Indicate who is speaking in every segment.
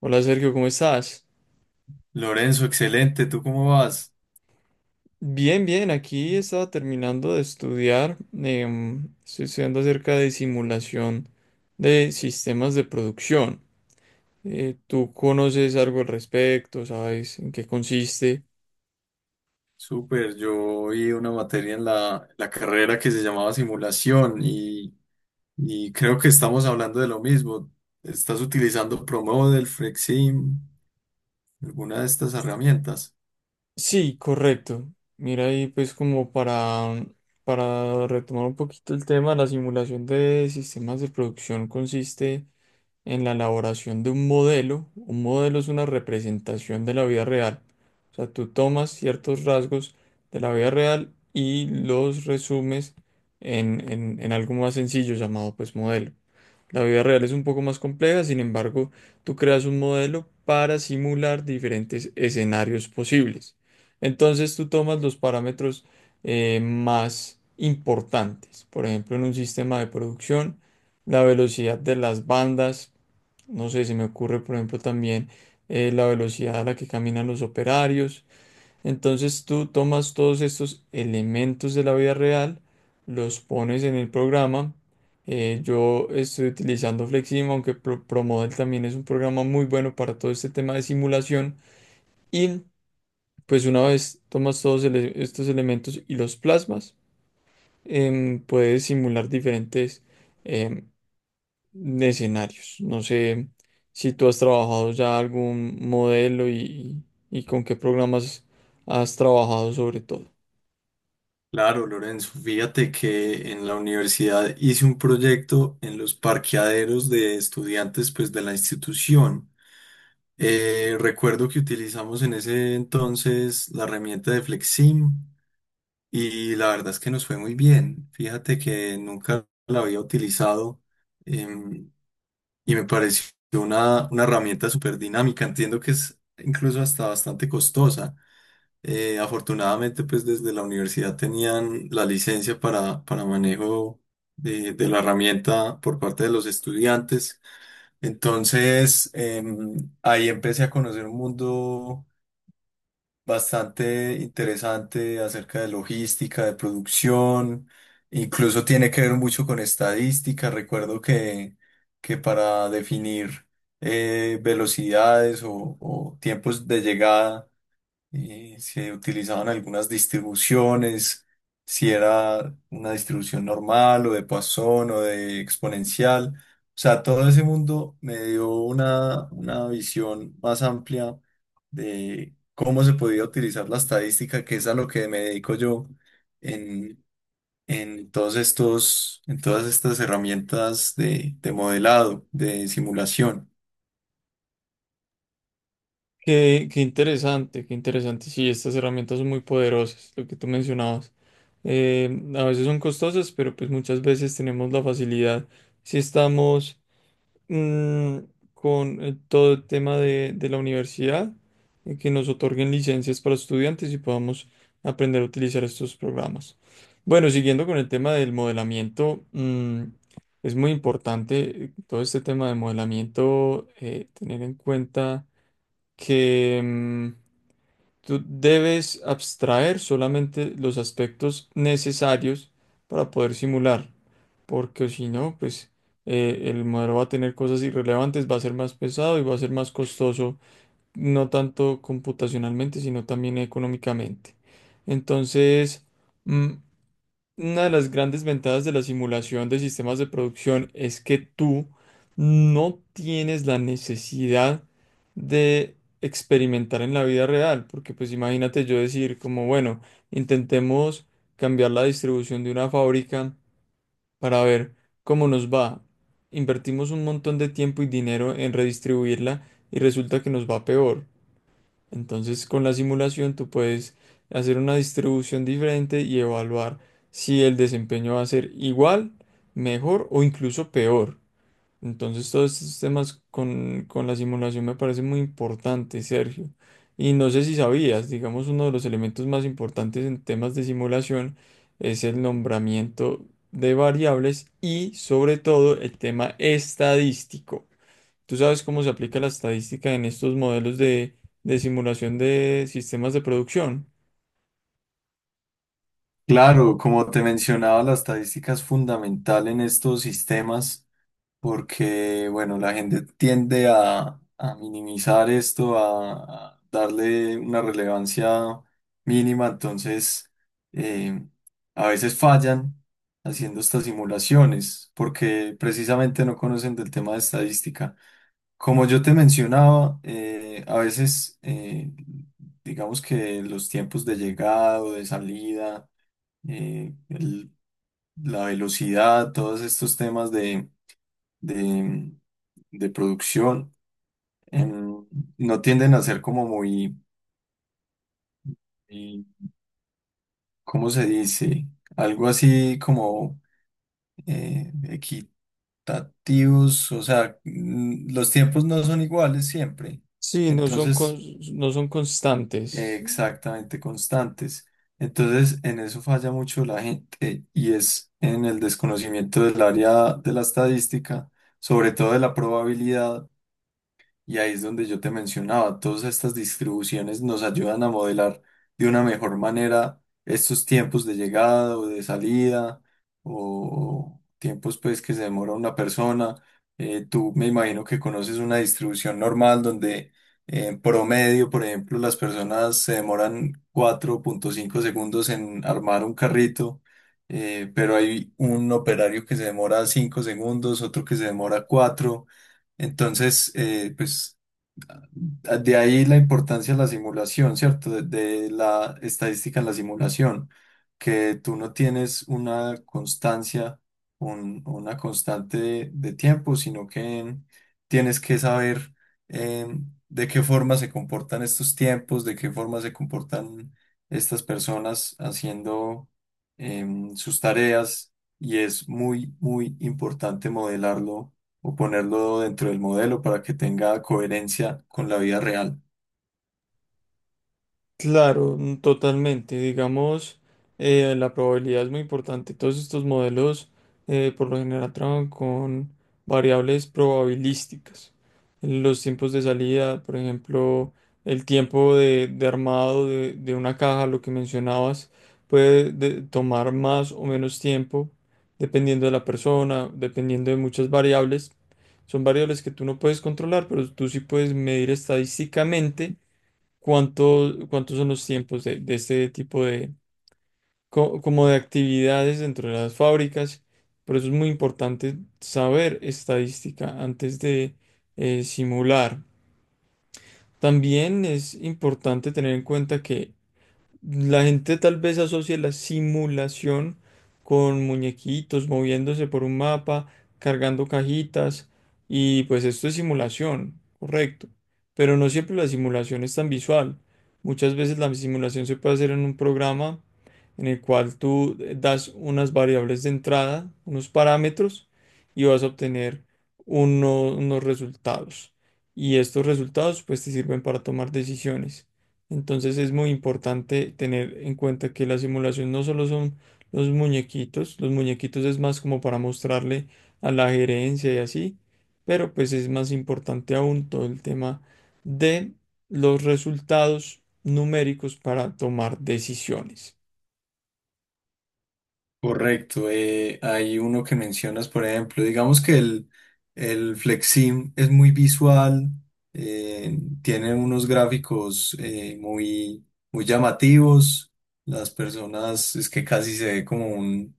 Speaker 1: Hola Sergio, ¿cómo estás?
Speaker 2: Lorenzo, excelente. ¿Tú cómo vas?
Speaker 1: Bien, bien, aquí estaba terminando de estudiar. Estoy estudiando acerca de simulación de sistemas de producción. ¿Tú conoces algo al respecto? ¿Sabes en qué consiste?
Speaker 2: Súper. Yo vi una materia en la carrera que se llamaba simulación y creo que estamos hablando de lo mismo. ¿Estás utilizando ProModel, Flexim, alguna de estas herramientas?
Speaker 1: Sí, correcto. Mira, ahí pues como para retomar un poquito el tema, la simulación de sistemas de producción consiste en la elaboración de un modelo. Un modelo es una representación de la vida real. O sea, tú tomas ciertos rasgos de la vida real y los resumes en algo más sencillo llamado pues modelo. La vida real es un poco más compleja; sin embargo, tú creas un modelo para simular diferentes escenarios posibles. Entonces tú tomas los parámetros más importantes. Por ejemplo, en un sistema de producción, la velocidad de las bandas, no sé, se me ocurre, por ejemplo, también la velocidad a la que caminan los operarios. Entonces tú tomas todos estos elementos de la vida real, los pones en el programa. Yo estoy utilizando Flexim, aunque ProModel también es un programa muy bueno para todo este tema de simulación. Y pues una vez tomas estos elementos y los plasmas, puedes simular diferentes em, de escenarios. No sé si tú has trabajado ya algún modelo y con qué programas has trabajado sobre todo.
Speaker 2: Claro, Lorenzo. Fíjate que en la universidad hice un proyecto en los parqueaderos de estudiantes pues, de la institución. Recuerdo que utilizamos en ese entonces la herramienta de Flexim. Y la verdad es que nos fue muy bien. Fíjate que nunca la había utilizado em, y me pareció una herramienta súper dinámica. Entiendo que es incluso hasta bastante costosa. Afortunadamente, pues desde la universidad tenían la licencia para manejo de la herramienta por parte de los estudiantes. Entonces, ahí empecé a conocer un mundo bastante interesante acerca de logística, de producción, incluso tiene que ver mucho con estadística. Recuerdo que para definir velocidades o tiempos de llegada, y si utilizaban algunas distribuciones, si era una distribución normal o de Poisson o de exponencial. O sea, todo ese mundo me dio una visión más amplia de cómo se podía utilizar la estadística, que es a lo que me dedico yo en, en todos estos, en todas estas herramientas de modelado, de simulación.
Speaker 1: Qué, qué interesante, qué interesante. Sí, estas herramientas son muy poderosas, lo que tú mencionabas. Eh, a veces son costosas, pero pues muchas veces tenemos la facilidad, si estamos mm, con todo el tema de la universidad, que nos otorguen licencias para estudiantes y podamos aprender a utilizar estos programas. Bueno, siguiendo con el tema del modelamiento, es muy importante, todo este tema de modelamiento, tener en cuenta que... tú debes abstraer solamente los aspectos necesarios para poder simular, porque si no, pues el modelo va a tener cosas irrelevantes, va a ser más pesado y va a ser más costoso, no tanto computacionalmente, sino también económicamente. Entonces, mm, una de las grandes ventajas de la simulación de sistemas de producción es que tú no tienes la necesidad de experimentar en la vida real, porque pues imagínate yo decir como, bueno, intentemos cambiar la distribución de una fábrica para ver cómo nos va. Invertimos un montón de tiempo y dinero en redistribuirla y resulta que nos va peor. Entonces, con la simulación tú puedes hacer una distribución diferente y evaluar si el desempeño va a ser igual, mejor o incluso peor. Entonces, todos estos temas con la simulación me parecen muy importantes, Sergio. Y no sé si sabías, digamos, uno de los elementos más importantes en temas de simulación es el nombramiento de variables y, sobre todo, el tema estadístico. ¿Tú sabes cómo se aplica la estadística en estos modelos de simulación de sistemas de producción?
Speaker 2: Claro, como te mencionaba, la estadística es fundamental en estos sistemas porque, bueno, la gente tiende a minimizar esto, a darle una relevancia mínima, entonces eh, a veces fallan haciendo estas simulaciones, porque precisamente no conocen del tema de estadística. Como yo te mencionaba, a veces, digamos que los tiempos de llegada o de salida, eh, el- la velocidad, todos estos temas de, de producción em, no tienden a ser como muy, muy, ¿cómo se dice? Algo así como eh, equitativos, o sea, mm, los tiempos no son iguales siempre,
Speaker 1: Sí, no son,
Speaker 2: entonces
Speaker 1: no son constantes.
Speaker 2: exactamente constantes. Entonces, en eso falla mucho la gente y es en el desconocimiento del área de la estadística, sobre todo de la probabilidad. Y ahí es donde yo te mencionaba, todas estas distribuciones nos ayudan a modelar de una mejor manera estos tiempos de llegada o de salida o tiempos pues que se demora una persona. Tú me imagino que conoces una distribución normal donde en promedio, por ejemplo, las personas se demoran 4,5 segundos en armar un carrito, pero hay un operario que se demora 5 segundos, otro que se demora cuatro. Entonces, pues de ahí la importancia de la simulación, ¿cierto? De la estadística en la simulación, que tú no tienes una constancia, una constante de tiempo, sino que tienes que saber eh, de qué forma se comportan estos tiempos, de qué forma se comportan estas personas haciendo sus tareas, y es muy, muy importante modelarlo o ponerlo dentro del modelo para que tenga coherencia con la vida real.
Speaker 1: Claro, totalmente. Digamos, la probabilidad es muy importante. Todos estos modelos, por lo general, trabajan con variables probabilísticas. Los tiempos de salida, por ejemplo, el tiempo de armado de una caja, lo que mencionabas, puede tomar más o menos tiempo dependiendo de la persona, dependiendo de muchas variables. Son variables que tú no puedes controlar, pero tú sí puedes medir estadísticamente. ¿Cuánto, cuántos son los tiempos de este tipo como de actividades dentro de las fábricas? Por eso es muy importante saber estadística antes de simular. También es importante tener en cuenta que la gente tal vez asocia la simulación con muñequitos moviéndose por un mapa, cargando cajitas, y pues esto es simulación, correcto. Pero no siempre la simulación es tan visual. Muchas veces la simulación se puede hacer en un programa en el cual tú das unas variables de entrada, unos parámetros, y vas a obtener unos resultados. Y estos resultados pues te sirven para tomar decisiones. Entonces es muy importante tener en cuenta que la simulación no solo son los muñequitos; los muñequitos es más como para mostrarle a la gerencia y así, pero pues es más importante aún todo el tema de los resultados numéricos para tomar decisiones.
Speaker 2: Correcto. Hay uno que mencionas, por ejemplo, digamos que el FlexSim es muy visual, eh, tiene unos gráficos muy, muy llamativos. Las personas es que casi se ve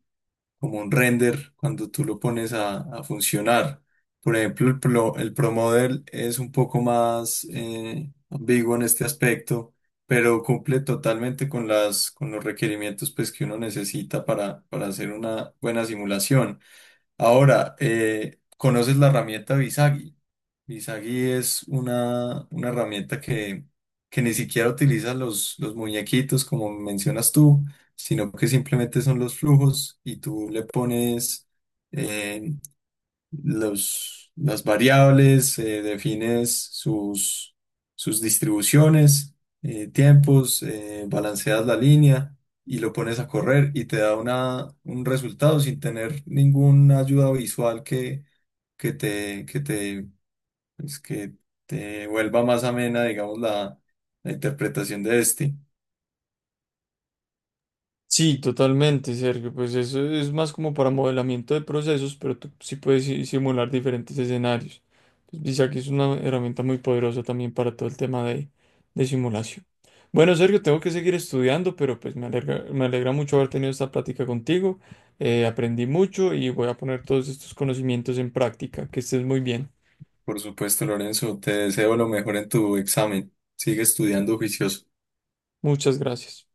Speaker 2: como un render cuando tú lo pones a funcionar. Por ejemplo, el Pro Model es un poco más ambiguo en este aspecto, pero cumple totalmente con las, con los requerimientos pues, que uno necesita para hacer una buena simulación. Ahora, ¿conoces la herramienta Visagi? Visagi es una herramienta que ni siquiera utiliza los muñequitos, como mencionas tú, sino que simplemente son los flujos y tú le pones eh, los, las variables, defines sus, sus distribuciones, tiempos, balanceas la línea y lo pones a correr y te da una, un resultado sin tener ninguna ayuda visual que te, que te, que te vuelva más amena, digamos, la interpretación de este.
Speaker 1: Sí, totalmente, Sergio. Pues eso es más como para modelamiento de procesos, pero tú sí puedes simular diferentes escenarios. Entonces, dice que es una herramienta muy poderosa también para todo el tema de simulación. Bueno, Sergio, tengo que seguir estudiando, pero pues me alegra mucho haber tenido esta plática contigo. Aprendí mucho y voy a poner todos estos conocimientos en práctica. Que estés muy bien.
Speaker 2: Por supuesto, Lorenzo, te deseo lo mejor en tu examen. Sigue estudiando juicioso.
Speaker 1: Muchas gracias.